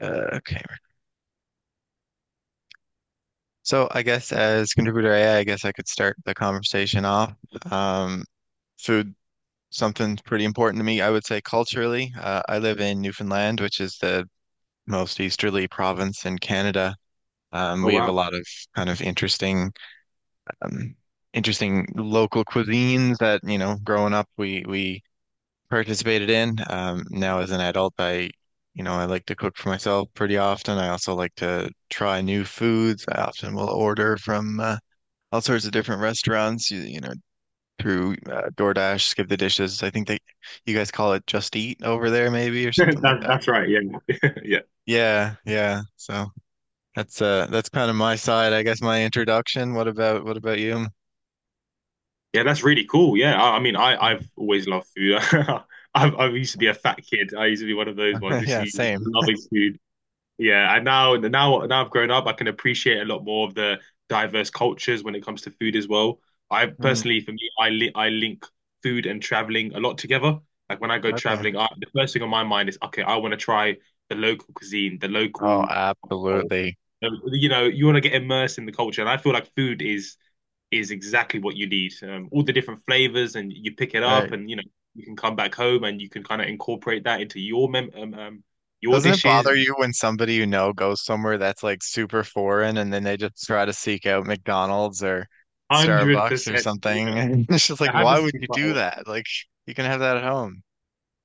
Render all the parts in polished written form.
Uh, okay. So I guess as contributor AI, guess I could start the conversation off. Um, food, something's pretty important to me. I would say culturally, I live in Newfoundland, which is the most easterly province in Canada. Oh We have a wow. lot of kind of um, interesting local cuisines that, you know, growing up, we participated in. Now as an adult, I, you know, I like to cook for myself pretty often. I also like to try new foods. I often will order from all sorts of different restaurants, you know, through DoorDash, Skip the Dishes. I think they, you guys call it Just Eat over there, maybe, or something like that, that. that's right. Yeah, yeah, Yeah, yeah. So that's that's kind of my side, I guess, my introduction. What about you? yeah. That's really cool. Yeah, I mean, I've always loved food. I've I used to be a fat kid. I used to be one of those ones, just Yeah, used to same. loving food. Yeah, and now I've grown up, I can appreciate a lot more of the diverse cultures when it comes to food as well. I Mm, personally, for me, I li I link food and traveling a lot together. Like when I go okay. traveling, the first thing on my mind is okay, I want to try the local cuisine, the Oh, local, absolutely. you know, you want to get immersed in the culture, and I feel like food is exactly what you need. All the different flavors, and you pick it Right. up, and you know you can come back home and you can kind of incorporate that into your mem your Doesn't it dishes. bother you when somebody you know goes somewhere that's like super foreign and then they just try to seek out McDonald's or Hundred Starbucks or percent, something? yeah. And it's just like, That why happens to would me you quite a do lot. that? Like, you can have that at home.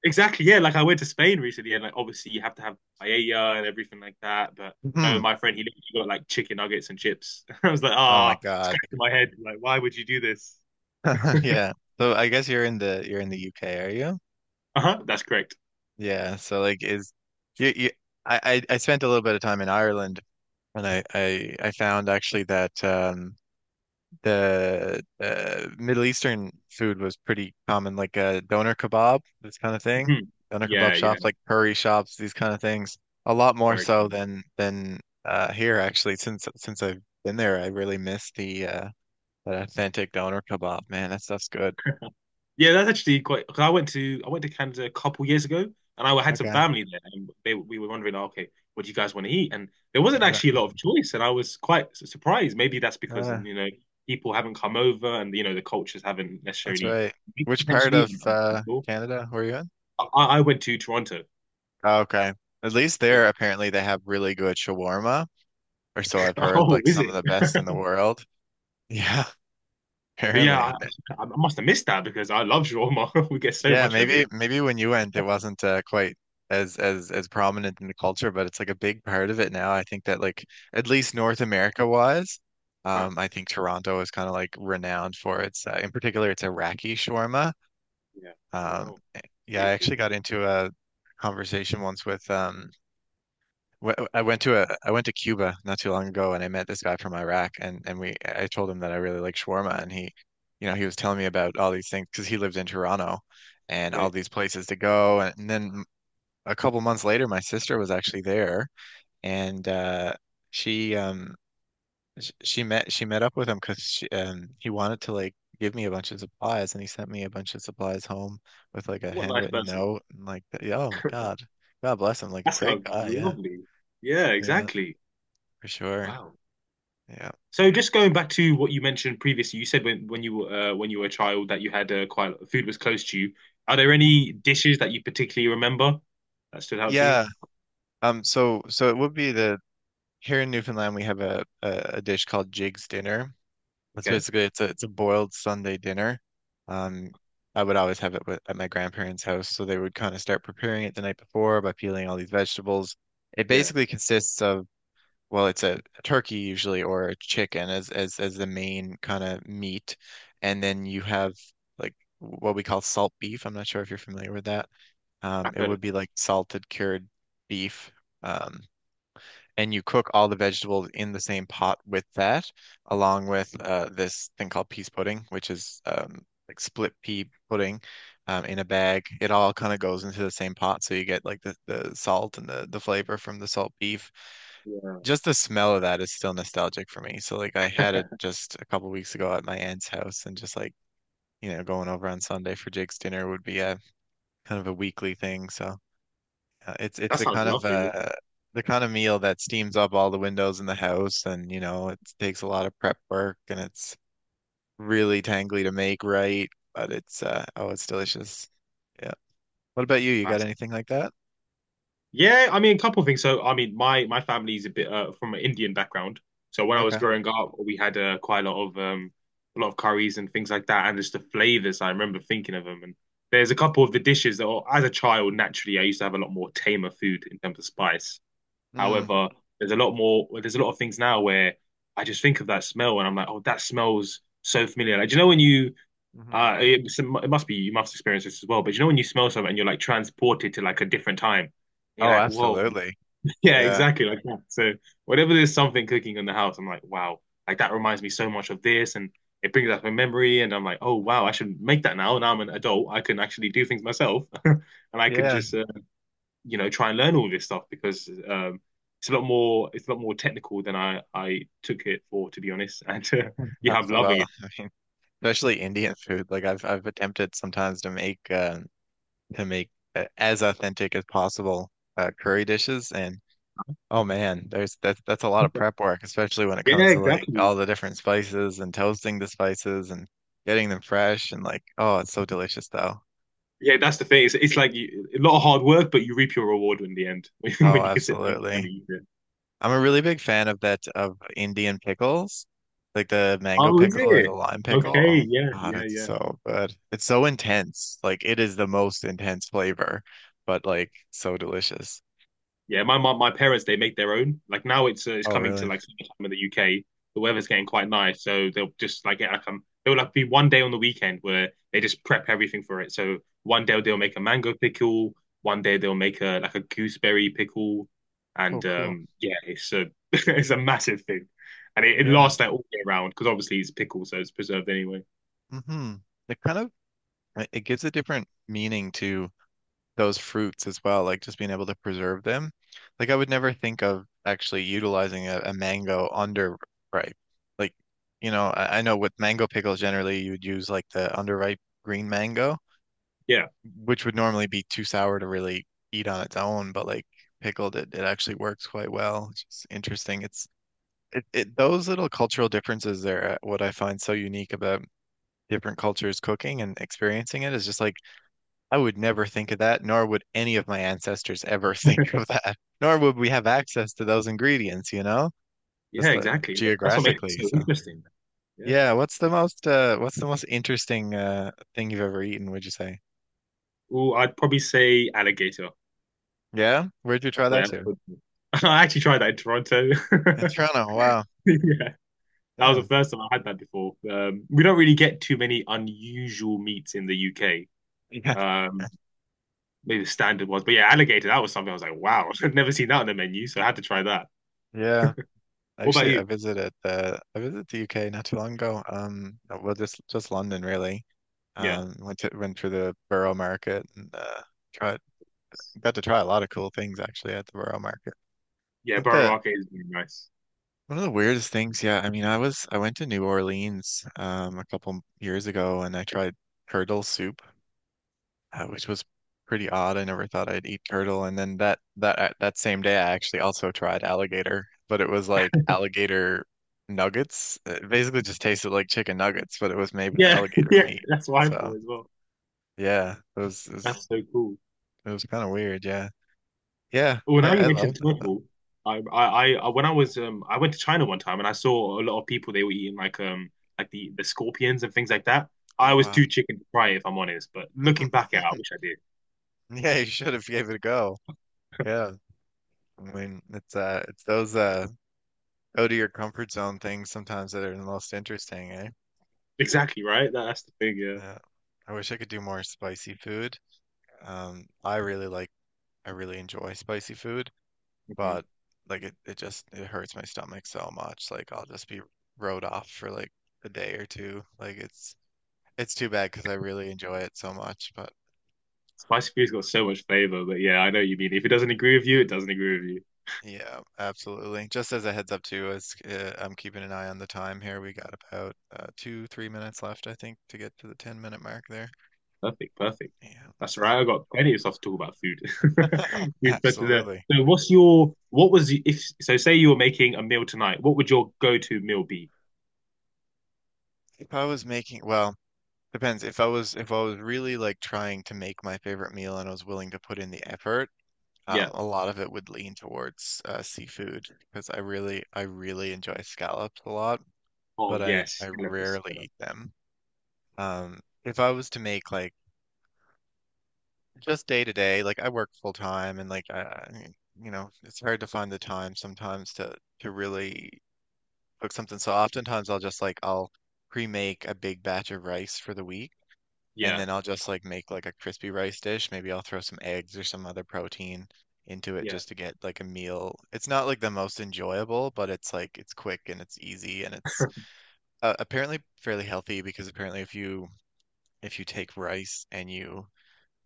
Exactly, yeah. Like I went to Spain recently, and like obviously you have to have paella and everything like that. But no, Hmm. my friend, he literally got like chicken nuggets and chips. I was like, Oh ah, my it's God. scratching my head. Like, why would you do this? Yeah. So I guess you're in the UK, are you? Uh-huh, that's correct. Yeah. So like, is you, you I I spent a little bit of time in Ireland and I I found actually that the Middle Eastern food was pretty common, like doner kebab, this kind of thing. Hmm Doner kebab Yeah, shops, yeah, like curry shops, these kind of things. A lot more very so good. than here actually. Since I've been there, I really miss the that authentic doner kebab. Man, that stuff's good. Yeah, that's actually quite, 'cause I went to Canada a couple years ago, and I had some Okay, family there, and they we were wondering, "Oh, okay, what do you guys want to eat?" And there wasn't uh, actually a lot of choice, and I was quite surprised. Maybe that's because, uh, you know, people haven't come over, and you know the cultures haven't that's necessarily right. mixed Which part potentially. of I'm not sure. Canada were you in? I went to Toronto. Oh, okay, at least there Yeah. apparently they have really good shawarma, or so I've heard. Oh, Like is some of it? the best in the world. Yeah. But yeah, Apparently. I must have missed that because I love shawarma. We get so Yeah, much over maybe here. maybe when you went it wasn't quite as prominent in the culture, but it's like a big part of it now. I think that like at least North America wise, Huh. I think Toronto is kind of like renowned for its in particular its Iraqi shawarma. Yeah. Um, Wow. yeah, I Beautiful. actually got into a conversation once with I went to a I went to Cuba not too long ago and I met this guy from Iraq and we I told him that I really like shawarma and he you know he was telling me about all these things because he lived in Toronto and all Okay. these places to go and then a couple months later my sister was actually there and she um she met up with him because she he wanted to like give me a bunch of supplies and he sent me a bunch of supplies home with like a What a nice handwritten person. note and like yeah, oh my God. God bless him, like That a great sounds guy. Yeah, lovely. Yeah, yeah, exactly. for sure. Wow. Yeah. So just going back to what you mentioned previously, you said when you were when you were a child that you had, quite, food was close to you. Are there Hmm. any dishes that you particularly remember that stood out to you? Yeah. So so it would be the here in Newfoundland we have a dish called Jig's dinner. It's Okay. basically it's a boiled Sunday dinner. Um, I would always have it with, at my grandparents' house, so they would kind of start preparing it the night before by peeling all these vegetables. It Yeah, basically consists of well, it's a turkey usually or a chicken as as the main kind of meat, and then you have like what we call salt beef. I'm not sure if you're familiar with that. I've It heard of would that. be like salted cured beef. Um, and you cook all the vegetables in the same pot with that, along with this thing called peas pudding, which is like split pea pudding in a bag. It all kind of goes into the same pot, so you get like the salt and the flavor from the salt beef. Yeah, Just the smell of that is still nostalgic for me. So like I had it just a couple weeks ago at my aunt's house, and just like you know going over on Sunday for Jake's dinner would be a kind of a weekly thing. So It's it's that sounds lovely. The kind of meal that steams up all the windows in the house and you know it takes a lot of prep work and it's really tangly to make right, but it's oh it's delicious. Yeah. What about you? You Yeah, got anything like that? yeah, I mean, a couple of things. So, I mean, my family's a bit, from an Indian background. So when I was Okay. growing up, we had, quite a lot of curries and things like that, and just the flavors. I remember thinking of them, and there's a couple of the dishes that, are- as a child, naturally, I used to have a lot more tamer food in terms of spice. Mm, However, there's a lot more. There's a lot of things now where I just think of that smell, and I'm like, oh, that smells so familiar. Like, do you know when you, hmm. It must be, you must experience this as well. But you know when you smell something and you're like transported to like a different time, you're Oh, like, whoa, absolutely. yeah, Yeah. exactly like that. So whenever there's something cooking in the house, I'm like, wow, like that reminds me so much of this, and it brings up a memory, and I'm like, oh wow, I should make that now. Now I'm an adult, I can actually do things myself, and I can Yeah. just, you know, try and learn all this stuff because, it's a lot more, technical than I took it for, to be honest. And yeah, I'm loving it. I mean, especially Indian food. Like I've attempted sometimes to make as authentic as possible curry dishes and oh man, there's that's a lot of prep work, especially when it Yeah, comes to like exactly. all the different spices and toasting the spices and getting them fresh and like oh, it's so delicious though. Yeah, that's the thing. It's like you, a lot of hard work, but you reap your reward in the end Oh, when you can sit down and absolutely. finally eat it. I'm a really big fan of that of Indian pickles, like the mango Oh, is pickle or the it? lime pickle. Oh Okay, yeah, God, yeah, it's yeah. so good. It's so intense. Like it is the most intense flavor, but like so delicious. Yeah, my parents, they make their own. Like now it's, it's Oh, coming to really? like summertime in the UK. The weather's getting quite nice, so they'll just like get like there'll like be one day on the weekend where they just prep everything for it. So one day they'll Mm. make a mango pickle, one day they'll make a like a gooseberry pickle, Oh, and cool. Yeah, it's a, it's a massive thing, and it Yeah. lasts like all year round because obviously it's pickle, so it's preserved anyway. Mm-hmm. It kind of it gives a different meaning to those fruits as well, like just being able to preserve them. Like I would never think of actually utilizing a mango under ripe. Like, you know, I know with mango pickles generally you would use like the underripe green mango, Yeah, which would normally be too sour to really eat on its own, but like pickled it, it actually works quite well. It's just interesting. It's it, it those little cultural differences there, what I find so unique about different cultures cooking and experiencing it is just like I would never think of that, nor would any of my ancestors ever think of that, nor would we have access to those ingredients, you know, yeah, just exactly. That's what makes it geographically. so So, interesting. Yeah. yeah, what's the most interesting thing you've ever eaten, would you say? Well, I'd probably say alligator. Yeah? Where'd you try that Yeah, to? I actually tried that in Toronto. In Toronto. Wow. Yeah, that was Yeah. the first time I had that before. We don't really get too many unusual meats in the UK. Yeah. Um, maybe the standard ones, but yeah, alligator, that was something I was like, wow, I've never seen that on the menu, so I had to try that. Yeah. What about Actually, you? I visited the UK not too long ago. Well, just London really. Yeah, Went through the Borough Market and tried got to try a lot of cool things actually at the Borough Market. I yeah, think Borough the Market is really nice. one of the weirdest things, yeah, I mean, I went to New Orleans a couple years ago and I tried turtle soup, which was pretty odd. I never thought I'd eat turtle, and then that that same day I actually also tried alligator, but it was like alligator nuggets. It basically just tasted like chicken nuggets, but it was made with Yeah, alligator yeah, meat. that's what I So thought as well. yeah, That's so cool. it was kind of weird. Yeah, yeah, Well, now you I mentioned loved that turtle, I, I, when I was, I went to China one time and I saw a lot of people. They were eating like the scorpions and things like that. though. I was Oh too chicken to try it, if I'm honest. But wow. looking back at it, I wish I did. Yeah, you should have gave it a go. Yeah. I mean, it's those out of your comfort zone things sometimes that are the most interesting, eh? Exactly right. That's the thing. Yeah. Yeah. I wish I could do more spicy food. Um, I really like I really enjoy spicy food, hmm but like it just it hurts my stomach so much. Like I'll just be rode off for like a day or two. Like it's too bad because I really enjoy it so much, but Spicy food's got so much flavor, but yeah, I know what you mean. If it doesn't agree with you, it doesn't agree with you. yeah, absolutely. Just as a heads up too, as I'm keeping an eye on the time here, we got about 3 minutes left, I think, to get to the 10-minute mark there. Perfect, perfect. Yeah, That's so right. I got plenty of stuff to talk about food. Food question there. absolutely. So, what's your, what was the, if so? Say you were making a meal tonight. What would your go-to meal be? If I was making, well, depends. If I was really like trying to make my favorite meal and I was willing to put in the effort, Yeah. A lot of it would lean towards seafood because I really enjoy scallops a lot, Oh but yes, I Cannabis. rarely eat them. If I was to make like just day to day, like I work full time and like I mean, you know, it's hard to find the time sometimes to really cook something. So oftentimes I'll just like I'll pre-make a big batch of rice for the week and Yeah, then I'll just like make like a crispy rice dish. Maybe I'll throw some eggs or some other protein into it yeah. just to get like a meal. It's not like the most enjoyable, but it's like it's quick and it's easy and it's apparently fairly healthy because apparently if you take rice and you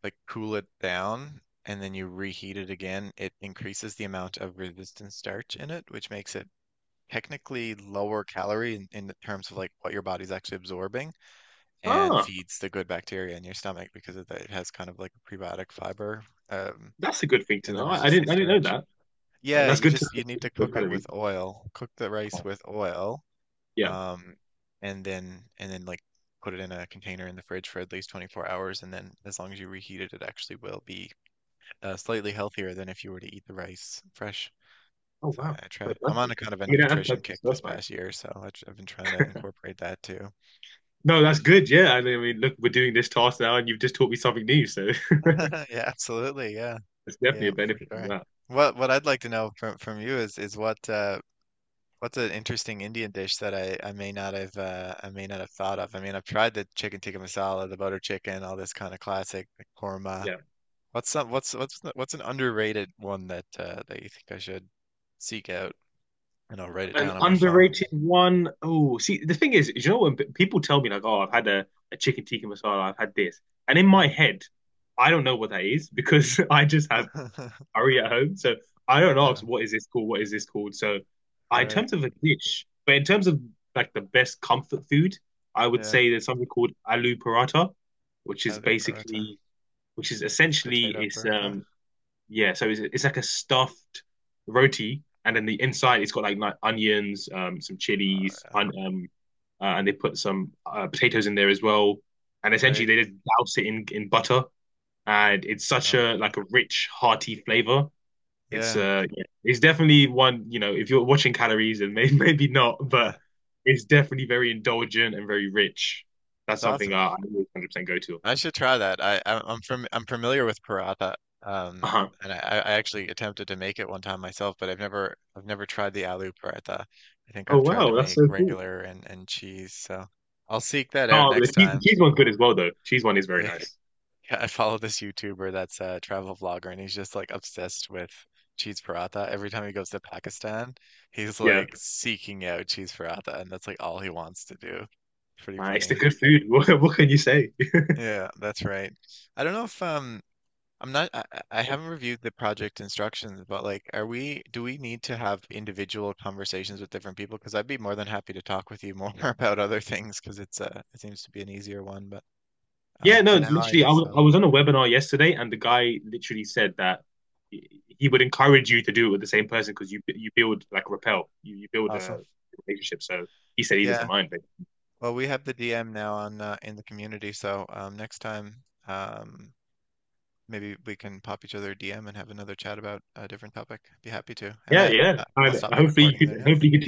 like cool it down and then you reheat it again, it increases the amount of resistant starch in it, which makes it technically lower calorie in terms of like what your body's actually absorbing and Ah, feeds the good bacteria in your stomach because of that it has kind of like a prebiotic fiber um, that's a good thing to in know. the I, I resistant didn't, I didn't know starch. that. Oh, Yeah, that's good to you need know. to Low cook it calorie. with oil. Cook the rice Oh, with oil, yeah. um, and then like put it in a container in the fridge for at least 24 hours, and then as long as you reheat it, it actually will be slightly healthier than if you were to eat the rice fresh. Oh So wow. I try. That's I'm on lovely. a kind of a I mean, that's nutrition perfect kick stuff, this right? past year, so I, have been trying to incorporate that too. No, that's Yeah, good. Yeah, and I mean, look, we're doing this task now, and you've just taught me something new, so yeah, absolutely. Yeah, it's definitely yeah, a for benefit from sure. that. What I'd like to know from you is what what's an interesting Indian dish that I may not have I may not have thought of. I mean, I've tried the chicken tikka masala, the butter chicken, all this kind of classic the korma. Yeah. What's some what's the- what's an underrated one that that you think I should seek out? And I'll write it An down on my phone. underrated one. Oh, see, the thing is, you know, when people tell me like, "Oh, I've had a chicken tikka masala, I've had this," and in my Hmm. head, I don't know what that is because I just have curry at home. So I don't ask Yeah, what is this called, what is this called. So I, in right. terms of a dish, but in terms of like the best comfort food, I would Yeah, say there's something called aloo paratha, which is aloo paratha. basically, which is That's essentially potato it's paratha. Yeah, so it's like a stuffed roti, and then the inside it's got like onions, some Oh chilies, yeah, and they put some, potatoes in there as well, and essentially right. they just douse it in butter, and it's such Yum. a like a rich, hearty flavor. It's, Yeah, yeah, it's definitely one, you know, if you're watching calories and maybe maybe not, yeah. but it's definitely very indulgent and very rich. That's That's something awesome. I always 100% go to. I should try that. I'm familiar with paratha. Um, Uh-huh. and I actually attempted to make it one time myself, but I've never tried the aloo paratha. I think Oh I've tried to wow, that's so make cool. regular and cheese. So I'll seek that out Oh, next the time. cheese one's good as well though. Cheese one is very Yeah. nice. Yeah, I follow this YouTuber that's a travel vlogger, and he's just like obsessed with cheese paratha. Every time he goes to Pakistan, he's Yeah, like seeking out cheese paratha, and that's like all he wants to do. Pretty it's the funny. good food. What can you say? Yeah, that's right. I don't know if I I haven't reviewed the project instructions, but like are we do we need to have individual conversations with different people? Because I'd be more than happy to talk with you more about other things because it's it seems to be an easier one, but Yeah, no, for now I literally, guess I so. was on a webinar yesterday, and the guy literally said that he would encourage you to do it with the same person because you build like rappel, you build a Awesome. relationship. So he said he doesn't Yeah. mind. Well, we have the DM now on in the community, so next time maybe we can pop each other a DM and have another chat about a different topic. Be happy to. Yeah, yeah. I'll And stop the recording there now. hopefully, you could teach.